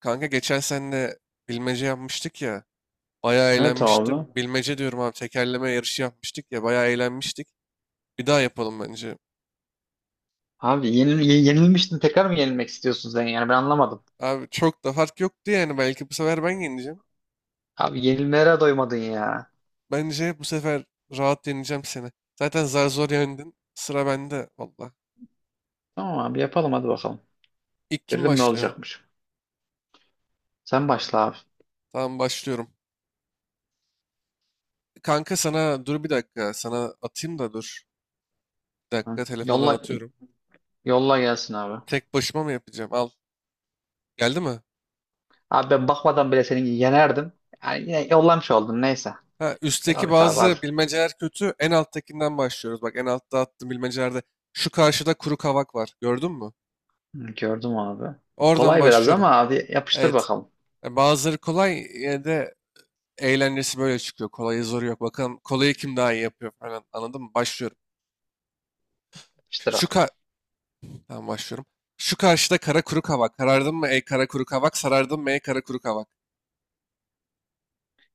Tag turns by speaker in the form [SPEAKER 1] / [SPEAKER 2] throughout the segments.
[SPEAKER 1] Kanka geçen seninle bilmece yapmıştık ya. Bayağı
[SPEAKER 2] Evet
[SPEAKER 1] eğlenmiştim.
[SPEAKER 2] abi.
[SPEAKER 1] Bilmece diyorum abi tekerleme yarışı yapmıştık ya. Bayağı eğlenmiştik. Bir daha yapalım bence.
[SPEAKER 2] Abi yenilmiştin tekrar mı yenilmek istiyorsun sen yani ben anlamadım.
[SPEAKER 1] Abi çok da fark yoktu yani. Belki bu sefer ben yeneceğim.
[SPEAKER 2] Abi yenilmelere doymadın ya.
[SPEAKER 1] Bence bu sefer rahat yeneceğim seni. Zaten zar zor yendin. Sıra bende valla.
[SPEAKER 2] Tamam abi yapalım hadi bakalım.
[SPEAKER 1] İlk kim
[SPEAKER 2] Görelim ne
[SPEAKER 1] başlıyor?
[SPEAKER 2] olacakmış. Sen başla abi.
[SPEAKER 1] Tamam başlıyorum. Kanka sana dur bir dakika. Sana atayım da dur. Bir
[SPEAKER 2] Hı.
[SPEAKER 1] dakika telefondan
[SPEAKER 2] Yolla
[SPEAKER 1] atıyorum.
[SPEAKER 2] yolla gelsin abi.
[SPEAKER 1] Tek başıma mı yapacağım? Al. Geldi mi?
[SPEAKER 2] Abi ben bakmadan bile seni yenerdim. Yani yine yollamış oldun neyse.
[SPEAKER 1] Ha,
[SPEAKER 2] Devam
[SPEAKER 1] üstteki
[SPEAKER 2] et abi hadi.
[SPEAKER 1] bazı bilmeceler kötü. En alttakinden başlıyoruz. Bak en altta attığım bilmecelerde şu karşıda kuru kavak var. Gördün mü?
[SPEAKER 2] Hı, gördüm abi.
[SPEAKER 1] Oradan
[SPEAKER 2] Kolay biraz
[SPEAKER 1] başlıyorum.
[SPEAKER 2] ama abi yapıştır
[SPEAKER 1] Evet.
[SPEAKER 2] bakalım.
[SPEAKER 1] Bazıları kolay yine de eğlencesi böyle çıkıyor. Kolayı zoru yok. Bakalım kolayı kim daha iyi yapıyor falan. Anladın mı? Başlıyorum.
[SPEAKER 2] Yapıştır
[SPEAKER 1] Şu
[SPEAKER 2] abi.
[SPEAKER 1] ka Tamam başlıyorum. Şu karşıda kara kuru kavak. Karardın mı ey kara kuru kavak? Sarardın mı ey kara kuru kavak?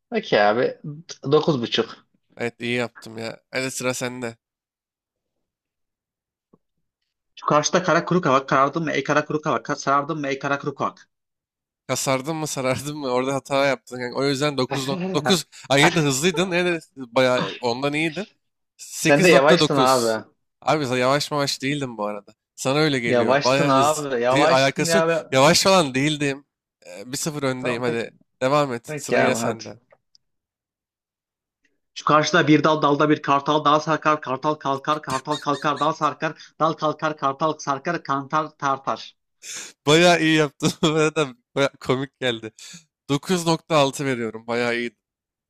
[SPEAKER 2] Peki abi. 9,5.
[SPEAKER 1] Evet iyi yaptım ya. Hadi sıra sende.
[SPEAKER 2] Şu karşıda kara kuru kavak karardın mı ey kara kuru kavak? Sarardın mı ey kara kuru kavak?
[SPEAKER 1] Kasardın mı sarardın mı orada hata yaptın. Yani o yüzden 9.9 ay yine de hızlıydın yine de bayağı ondan iyiydin.
[SPEAKER 2] Sen de
[SPEAKER 1] Sekiz nokta
[SPEAKER 2] yavaştın
[SPEAKER 1] dokuz.
[SPEAKER 2] abi.
[SPEAKER 1] Abi sen yavaş yavaş değildim bu arada. Sana öyle geliyor.
[SPEAKER 2] Yavaştın
[SPEAKER 1] Bayağı hızlı
[SPEAKER 2] abi.
[SPEAKER 1] diye
[SPEAKER 2] Yavaştın
[SPEAKER 1] alakası yok.
[SPEAKER 2] ya. Be.
[SPEAKER 1] Yavaş falan değildim. 1-0 öndeyim
[SPEAKER 2] Tamam pek,
[SPEAKER 1] hadi. Devam et.
[SPEAKER 2] pek
[SPEAKER 1] Sıra yine
[SPEAKER 2] ya hadi.
[SPEAKER 1] sende.
[SPEAKER 2] Şu karşıda bir dal dalda bir kartal dal sarkar, kartal kalkar, kartal kalkar dal sarkar, dal kalkar, kartal sarkar, kantar tartar.
[SPEAKER 1] Bayağı iyi yaptın. Bu arada bayağı komik geldi. Dokuz nokta altı veriyorum. Bayağı iyi.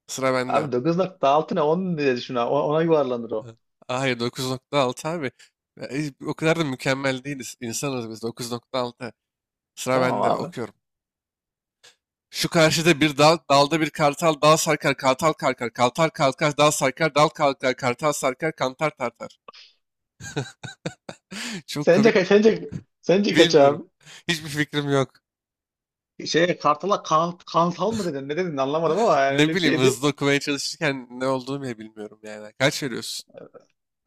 [SPEAKER 1] Sıra bende.
[SPEAKER 2] Abi 9.6 ne 10 diye düşün abi. Ona yuvarlanır o.
[SPEAKER 1] Ha. Hayır 9.6 abi. O kadar da mükemmel değiliz. İnsanız biz, dokuz nokta altı. Sıra
[SPEAKER 2] Tamam
[SPEAKER 1] bende
[SPEAKER 2] abi.
[SPEAKER 1] okuyorum. Şu karşıda bir dal, dalda bir kartal, dal sarkar, kartal kalkar, kartal kalkar, dal sarkar, dal kalkar, kartal sarkar, kantar tartar. Çok
[SPEAKER 2] Sence
[SPEAKER 1] komik,
[SPEAKER 2] kaç? Sence kaç
[SPEAKER 1] bilmiyorum.
[SPEAKER 2] abi?
[SPEAKER 1] Hiçbir fikrim yok.
[SPEAKER 2] Şey kartala kan kantal mı dedin? Ne dedin anlamadım ama yani öyle
[SPEAKER 1] Ne
[SPEAKER 2] bir
[SPEAKER 1] bileyim
[SPEAKER 2] şeydi.
[SPEAKER 1] hızlı okumaya çalışırken ne olduğunu bile bilmiyorum yani. Kaç veriyorsun?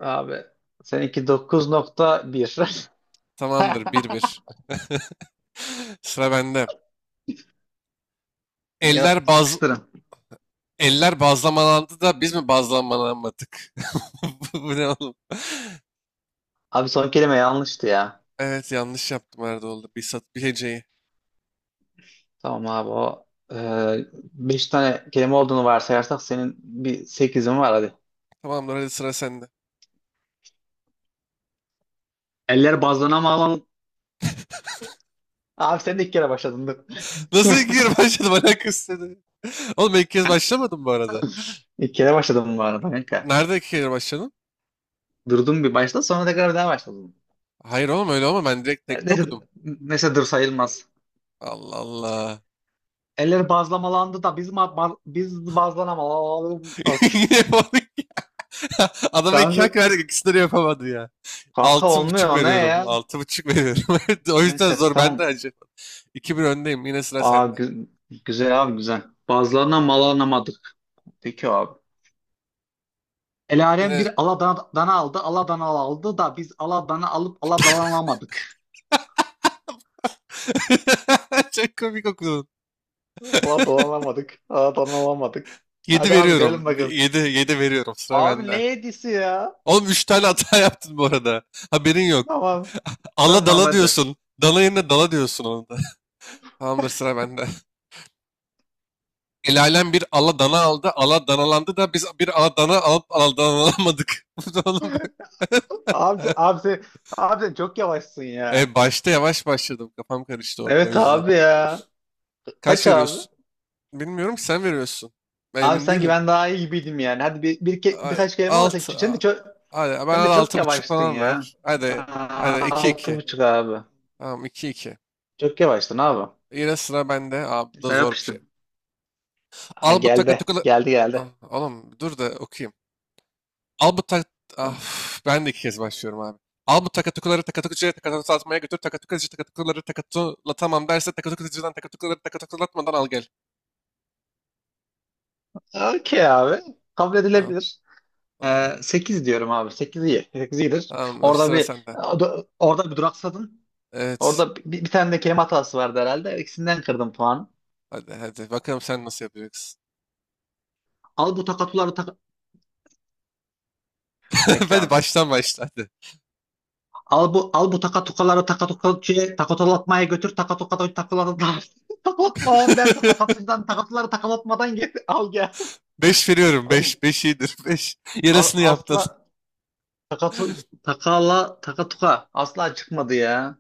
[SPEAKER 2] Abi seninki 9.1.
[SPEAKER 1] Tamamdır, bir bir. Sıra bende.
[SPEAKER 2] Ya
[SPEAKER 1] Eller baz
[SPEAKER 2] yapıştırın.
[SPEAKER 1] Eller bazlamalandı da biz mi bazlamalanmadık? Bu ne oğlum?
[SPEAKER 2] Abi son kelime yanlıştı ya.
[SPEAKER 1] Evet yanlış yaptım herhalde oldu. Bir sat bir heceyi.
[SPEAKER 2] Tamam abi o e, beş tane kelime olduğunu varsayarsak senin bir sekizin var hadi.
[SPEAKER 1] Tamamdır hadi sıra sende.
[SPEAKER 2] Eller bazlana mı alalım? Abi sen de ilk kere başladın dur.
[SPEAKER 1] Nasıl iki kere başladım, alakası seni. Oğlum ben ilk kez başlamadım bu arada.
[SPEAKER 2] İlk kere başladım bu arada kanka.
[SPEAKER 1] Nerede iki kere başladın?
[SPEAKER 2] Durdum bir başta sonra tekrar bir daha başladım.
[SPEAKER 1] Hayır oğlum öyle olma, ben direkt
[SPEAKER 2] E,
[SPEAKER 1] tekte
[SPEAKER 2] Neyse,
[SPEAKER 1] okudum.
[SPEAKER 2] neyse, dur sayılmaz.
[SPEAKER 1] Allah Allah.
[SPEAKER 2] Eller bazlamalandı da biz biz bazlanamalandık.
[SPEAKER 1] Yine yapamadık ya. Adama iki hak
[SPEAKER 2] Kanka,
[SPEAKER 1] verdik, ikisini de yapamadı ya.
[SPEAKER 2] kanka,
[SPEAKER 1] Altı
[SPEAKER 2] olmuyor
[SPEAKER 1] buçuk
[SPEAKER 2] o ne
[SPEAKER 1] veriyorum.
[SPEAKER 2] ya?
[SPEAKER 1] Altı buçuk veriyorum. O yüzden
[SPEAKER 2] Neyse
[SPEAKER 1] zor, ben de
[SPEAKER 2] tamam.
[SPEAKER 1] acı. İki bir öndeyim yine, sıra
[SPEAKER 2] Aa,
[SPEAKER 1] sende.
[SPEAKER 2] gü- güzel abi güzel. Bazlarına malanamadık. Peki abi. Elarem
[SPEAKER 1] Yine
[SPEAKER 2] bir Aladana aldı. Aladana aldı da biz Aladana alıp Aladanalamadık.
[SPEAKER 1] çok komik okudun.
[SPEAKER 2] Aladanalamadık. Aladanalamadık.
[SPEAKER 1] Yedi
[SPEAKER 2] Hadi abi görelim
[SPEAKER 1] veriyorum.
[SPEAKER 2] bakalım.
[SPEAKER 1] Yedi, yedi veriyorum, sıra
[SPEAKER 2] Abi ne
[SPEAKER 1] bende.
[SPEAKER 2] hediyesi ya?
[SPEAKER 1] Oğlum üç tane hata yaptın bu arada. Haberin yok.
[SPEAKER 2] Tamam.
[SPEAKER 1] Ala
[SPEAKER 2] Tamam
[SPEAKER 1] dala
[SPEAKER 2] hadi.
[SPEAKER 1] diyorsun. Dala yerine dala diyorsun onu da. Tamamdır sıra bende. El alem bir ala dana aldı. Ala danalandı da biz bir ala dana alıp ala danalamadık. Bu da oğlum böyle.
[SPEAKER 2] Abi, sen- abi, sen- Abi sen çok yavaşsın ya.
[SPEAKER 1] Başta yavaş başladım. Kafam karıştı orada o
[SPEAKER 2] Evet
[SPEAKER 1] yüzden.
[SPEAKER 2] abi ya.
[SPEAKER 1] Kaç
[SPEAKER 2] Kaç abi?
[SPEAKER 1] veriyorsun? Bilmiyorum ki, sen veriyorsun. Ben
[SPEAKER 2] Abi
[SPEAKER 1] emin
[SPEAKER 2] sanki
[SPEAKER 1] değilim.
[SPEAKER 2] ben daha iyi gibiydim yani. Hadi
[SPEAKER 1] A-
[SPEAKER 2] birkaç kelime ama
[SPEAKER 1] Alt. a- Hadi ben
[SPEAKER 2] sen
[SPEAKER 1] al,
[SPEAKER 2] de çok
[SPEAKER 1] altı buçuk
[SPEAKER 2] yavaştın
[SPEAKER 1] falan
[SPEAKER 2] ya.
[SPEAKER 1] ver. Hadi. Hadi iki
[SPEAKER 2] Altı
[SPEAKER 1] iki.
[SPEAKER 2] buçuk abi.
[SPEAKER 1] Tamam iki iki.
[SPEAKER 2] Çok yavaştın abi.
[SPEAKER 1] Yine sıra bende. Abi bu da
[SPEAKER 2] Sen
[SPEAKER 1] zor bir şey.
[SPEAKER 2] yapıştın. Ha,
[SPEAKER 1] Al bu takı
[SPEAKER 2] geldi.
[SPEAKER 1] takılı.
[SPEAKER 2] Geldi geldi.
[SPEAKER 1] Oğlum dur da okuyayım. Al bu tak... Ah,
[SPEAKER 2] Tamam.
[SPEAKER 1] Ben de iki kez başlıyorum abi. Al bu takatukuları takatukucuya takatukulatmaya götür. Takatukucu takatukuları takatulatamam derse takatukucudan takatukuları takatukulatmadan al gel.
[SPEAKER 2] Okey abi. Kabul
[SPEAKER 1] Tamam,
[SPEAKER 2] edilebilir.
[SPEAKER 1] tamam.
[SPEAKER 2] 8 diyorum abi. Sekiz iyi. Sekiz iyidir.
[SPEAKER 1] Tamamdır,
[SPEAKER 2] Orada
[SPEAKER 1] sıra
[SPEAKER 2] bir
[SPEAKER 1] sende.
[SPEAKER 2] Orada bir duraksadın.
[SPEAKER 1] Evet.
[SPEAKER 2] Orada bir tane de kelime hatası vardı herhalde. İkisinden kırdım puanı.
[SPEAKER 1] Hadi hadi bakalım sen nasıl yapacaksın.
[SPEAKER 2] Al bu takatuları tak... Bekle
[SPEAKER 1] Hadi
[SPEAKER 2] abi.
[SPEAKER 1] baştan başla hadi.
[SPEAKER 2] Al bu takatukaları takatukaçıya takatulatmaya götür takatukadan takatulatma. Takatulatma abi verse takatucudan takatuları takalatmadan gel al gel.
[SPEAKER 1] 5 veriyorum.
[SPEAKER 2] Oğlum,
[SPEAKER 1] Beş, 5 iyidir. Beş.
[SPEAKER 2] Al,
[SPEAKER 1] Yarısını yaptın.
[SPEAKER 2] asla takatu takala takatuka asla çıkmadı ya.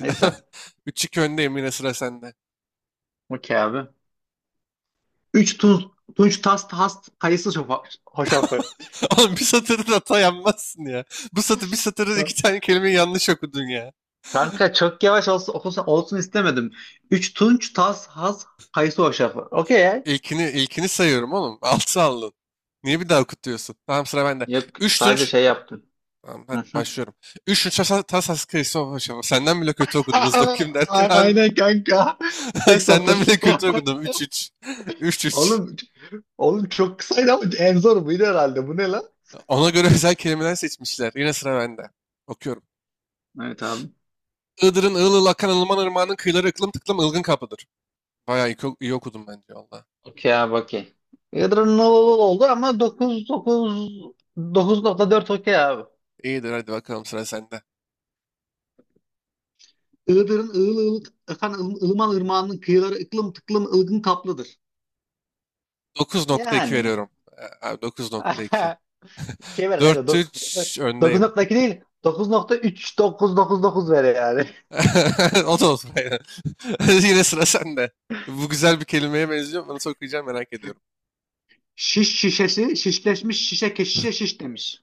[SPEAKER 2] Neyse.
[SPEAKER 1] 3-2 öndeyim yine, sıra sende.
[SPEAKER 2] Okey abi. 3 Tunç Tast Hast kayısı hoşafı.
[SPEAKER 1] Oğlum bir satırda hata yapmazsın ya. Bu satır, bir satırda iki tane kelimeyi yanlış okudun ya.
[SPEAKER 2] Kanka çok yavaş olsun istemedim. 3 Tunç Tas Has kayısı hoşafı. Okey ya.
[SPEAKER 1] İlkini, ilkini sayıyorum oğlum. Altı aldın. Niye bir daha okutuyorsun? Tamam sıra bende.
[SPEAKER 2] Yok
[SPEAKER 1] Üç
[SPEAKER 2] sadece
[SPEAKER 1] tunç...
[SPEAKER 2] şey yaptım.
[SPEAKER 1] Tamam
[SPEAKER 2] Hı
[SPEAKER 1] hadi
[SPEAKER 2] hı.
[SPEAKER 1] başlıyorum. Üç tunç tasa tasas kıyısı başa. Senden bile kötü okudum. Hızlı okuyayım derken harbi.
[SPEAKER 2] Aynen kanka. Tek satır.
[SPEAKER 1] Senden bile kötü okudum. Üç üç. Üç üç.
[SPEAKER 2] Oğlum Oğlum çok kısaydı ama en zor buydu herhalde. Bu ne lan?
[SPEAKER 1] Ona göre özel kelimeler seçmişler. Yine sıra bende. Okuyorum.
[SPEAKER 2] Evet abi.
[SPEAKER 1] Iğdır'ın ığıl ığıl akan ılıman ırmağının kıyıları ıklım tıklım ılgın kapıdır. Bayağı iyi, oku- iyi okudum bence valla.
[SPEAKER 2] Okey abi okey. Yadırın oldu ama dokuz dokuz 9,4 okey abi.
[SPEAKER 1] İyidir hadi bakalım sıra sende.
[SPEAKER 2] Iğdır'ın ığıl ığıl efendim, Ilıman Irmağı'nın kıyıları ıklım tıklım ılgın kaplıdır.
[SPEAKER 1] Dokuz nokta iki
[SPEAKER 2] Yani.
[SPEAKER 1] veriyorum. Abi dokuz nokta iki,
[SPEAKER 2] Şey ver kanka.
[SPEAKER 1] dört üç öndeyim.
[SPEAKER 2] 9.2 değil. 9,3 dokuz dokuz dokuz ver yani.
[SPEAKER 1] O da olsun. Aynen. Yine sıra sende. Bu güzel bir kelimeye benziyor. Bunu nasıl okuyacağım merak ediyorum.
[SPEAKER 2] Şiş şişesi şişleşmiş şişe keşişe şiş demiş.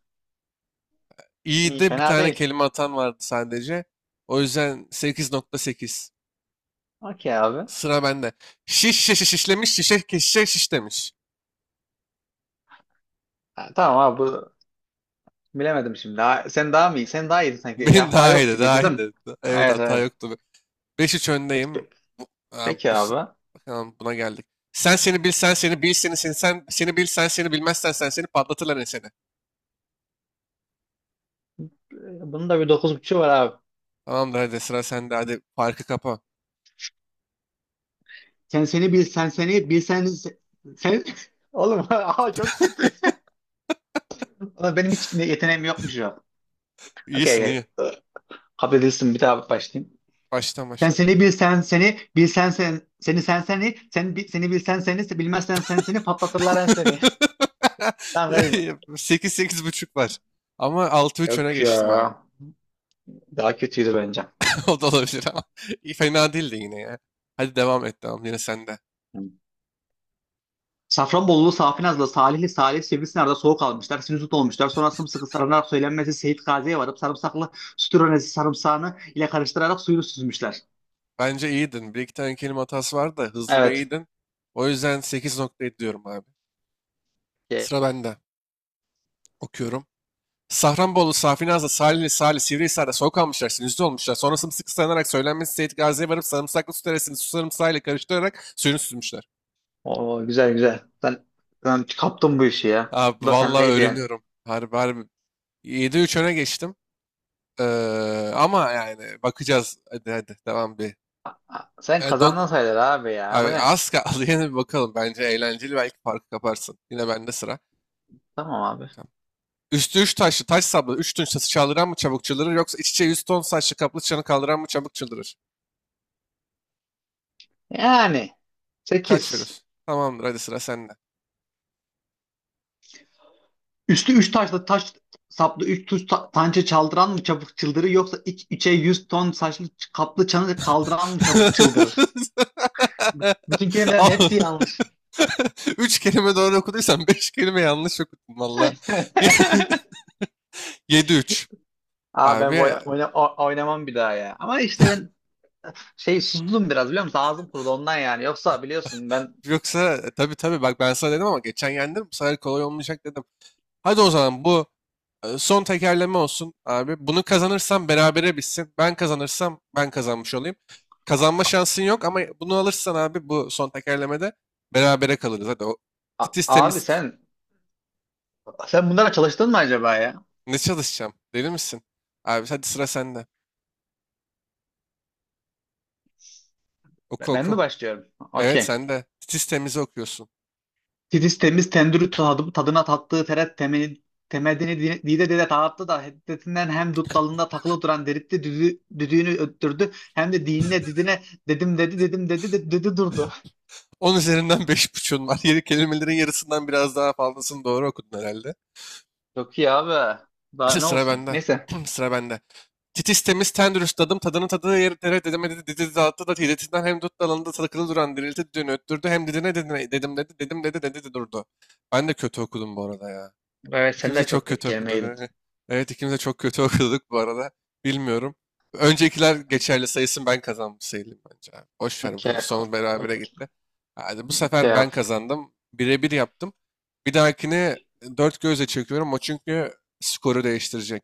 [SPEAKER 1] İyi
[SPEAKER 2] İyi
[SPEAKER 1] de bir
[SPEAKER 2] fena
[SPEAKER 1] tane
[SPEAKER 2] değil.
[SPEAKER 1] kelime atan vardı sadece. O yüzden sekiz nokta sekiz.
[SPEAKER 2] Okey abi.
[SPEAKER 1] Sıra bende. Şiş şişe şişlemiş şişe ke- şişe şiş demiş.
[SPEAKER 2] Ha, tamam abi bu bilemedim şimdi. Ha, sen daha mı iyi? Sen daha iyiydin sanki. Ya
[SPEAKER 1] Benim
[SPEAKER 2] hata
[SPEAKER 1] daha
[SPEAKER 2] yok
[SPEAKER 1] iyiydi,
[SPEAKER 2] gibi
[SPEAKER 1] daha
[SPEAKER 2] dedim.
[SPEAKER 1] iyiydi. Evet
[SPEAKER 2] Evet
[SPEAKER 1] hata
[SPEAKER 2] evet.
[SPEAKER 1] yoktu. Beş üç öndeyim.
[SPEAKER 2] Pe-
[SPEAKER 1] Bu, aa,
[SPEAKER 2] Peki
[SPEAKER 1] bu s-
[SPEAKER 2] abi.
[SPEAKER 1] Bakalım buna geldik. Sen seni bil sen seni bil seni seni sen seni bil sen seni bilmezsen sen seni patlatırlar seni.
[SPEAKER 2] Ee, Bunun da bir 9.5'u var abi.
[SPEAKER 1] Tamamdır hadi sıra sende, hadi farkı kapa.
[SPEAKER 2] Sen seni bil sen seni bilsen sen oğlum çok kötü. Oğlum benim hiç yeteneğim yokmuş ya.
[SPEAKER 1] İyisin,
[SPEAKER 2] Okey.
[SPEAKER 1] iyi.
[SPEAKER 2] Okey. Kabul edilsin bir daha başlayayım.
[SPEAKER 1] Baştan
[SPEAKER 2] Sen
[SPEAKER 1] başla.
[SPEAKER 2] seni bilsen seni bilsen sen seni sen seni sen seni bilsen seni bilmezsen sen seni patlatırlar en seni. Tamam kardeşim.
[SPEAKER 1] 8, 8 buçuk var. Ama 6 3 öne
[SPEAKER 2] Yok ya.
[SPEAKER 1] geçtim abi.
[SPEAKER 2] Daha kötüydü bence.
[SPEAKER 1] O da olabilir ama. İyi, fena değildi yine ya. Hadi devam et, tamam yine sende.
[SPEAKER 2] Hı. Safranbolulu, Safinazlı, Salihli, Salih, Sivrisinar'da soğuk almışlar, sinüzit olmuşlar. Sonra sımsıkı sarımlar söylenmesi Seyit Gazi'ye varıp sarımsaklı sütüronesi sarımsağını ile karıştırarak suyunu süzmüşler.
[SPEAKER 1] Bence iyiydin. Bir iki tane kelime hatası vardı da hızlı ve
[SPEAKER 2] Evet.
[SPEAKER 1] iyiydin. O yüzden sekiz nokta ediyorum abi.
[SPEAKER 2] Ye-
[SPEAKER 1] Sıra bende. Okuyorum. Safranbolu, Safinaz'la, Salihli, Salih, Sivrihisar'da soğuk almışlar, sinüzde olmuşlar. Sonra sımsıkı sarılarak söylenmesi Seyit Gazi'ye varıp sarımsaklı su teresini su sarımsağıyla karıştırarak suyunu süzmüşler.
[SPEAKER 2] Oo, güzel güzel. Sen kaptın bu işi ya. Bu
[SPEAKER 1] Abi
[SPEAKER 2] da
[SPEAKER 1] valla
[SPEAKER 2] sendeydi yani.
[SPEAKER 1] öğreniyorum. Harbi, harbi yedi üç öne geçtim. Ama yani bakacağız. Hadi hadi devam bir.
[SPEAKER 2] Ha, sen
[SPEAKER 1] E, dog...
[SPEAKER 2] kazandın sayılır abi ya. Bu
[SPEAKER 1] Abi,
[SPEAKER 2] ne?
[SPEAKER 1] az kaldı yine bir bakalım. Bence eğlenceli, belki farkı kaparsın. Yine bende sıra.
[SPEAKER 2] Tamam abi.
[SPEAKER 1] Tamam. Üstü 3 taşlı taş sablı 3 tunç taşı çaldıran mı çabuk çıldırır yoksa iç içe yüz ton saçlı kaplı çanı kaldıran mı çabuk çıldırır?
[SPEAKER 2] Yani
[SPEAKER 1] Kaç
[SPEAKER 2] 8.
[SPEAKER 1] veriyorsun? Tamamdır hadi sıra sende.
[SPEAKER 2] Üstü 3 taşlı taş saplı üç tuş tançe çaldıran mı çabuk çıldırır yoksa iç içe 100 ton saçlı kaplı çanı kaldıran mı çabuk çıldırır? Bütün kelimelerin
[SPEAKER 1] Al-
[SPEAKER 2] hepsi yanlış.
[SPEAKER 1] Üç kelime doğru okuduysan beş kelime yanlış okudun valla. Yedi üç.
[SPEAKER 2] Ben
[SPEAKER 1] Abi
[SPEAKER 2] oynamam bir daha ya. Ama işte ben şey sustum biraz biliyor musun? Ağzım kurudu ondan yani. Yoksa biliyorsun ben
[SPEAKER 1] yoksa tabii tabii, bak ben sana dedim ama geçen yendim, bu sefer kolay olmayacak dedim. Hadi o zaman bu son tekerleme olsun abi. Bunu kazanırsam berabere bitsin. Ben kazanırsam ben kazanmış olayım. Kazanma şansın yok ama bunu alırsan abi, bu son tekerlemede berabere kalırız. Hadi o
[SPEAKER 2] A-
[SPEAKER 1] titiz
[SPEAKER 2] abi
[SPEAKER 1] temiz,
[SPEAKER 2] sen bunlara çalıştın mı acaba ya?
[SPEAKER 1] ne çalışacağım deli misin? Abi hadi sıra sende. Oku
[SPEAKER 2] Ben mi
[SPEAKER 1] oku.
[SPEAKER 2] başlıyorum?
[SPEAKER 1] Evet
[SPEAKER 2] Okey.
[SPEAKER 1] sende. Titiz temizi okuyorsun.
[SPEAKER 2] Titiz temiz tendürü tadı, tadına tattığı teret temeli, temelini dide dide dağıttı da hiddetinden hem dut dalında takılı duran deritti düdüğünü öttürdü hem de dinine didine dedim dedi dedim dedi de, dedi durdu.
[SPEAKER 1] 10 üzerinden 5,5'un var. Yeri kelimelerin yarısından biraz daha fazlasını doğru okudun herhalde.
[SPEAKER 2] Çok iyi abi. Daha ne
[SPEAKER 1] Sıra
[SPEAKER 2] olsun.
[SPEAKER 1] bende.
[SPEAKER 2] Neyse.
[SPEAKER 1] Sıra bende. Titiz temiz ten dürüst adım tadının tadığı yeri dere dedemedi dedi dağıttı da hiletinden hem dut dalında takılı duran dirilti düğünü öttürdü hem didine dedine dedim dedi dedim dedi dedi dedi durdu. Ben de kötü okudum bu arada ya.
[SPEAKER 2] Evet sen
[SPEAKER 1] İkimiz de
[SPEAKER 2] de
[SPEAKER 1] çok
[SPEAKER 2] çok
[SPEAKER 1] kötü okuduk.
[SPEAKER 2] gerimeydin.
[SPEAKER 1] Evet ikimiz de çok kötü okuduk bu arada. Bilmiyorum. Öncekiler geçerli sayısın, ben kazanmış sayılım bence. Abi boş ver,
[SPEAKER 2] Okey.
[SPEAKER 1] bu son berabere
[SPEAKER 2] Okey.
[SPEAKER 1] gitti. Hadi bu sefer ben
[SPEAKER 2] Okey.
[SPEAKER 1] kazandım. Birebir yaptım. Bir dahakini dört gözle çekiyorum o, çünkü skoru değiştirecek.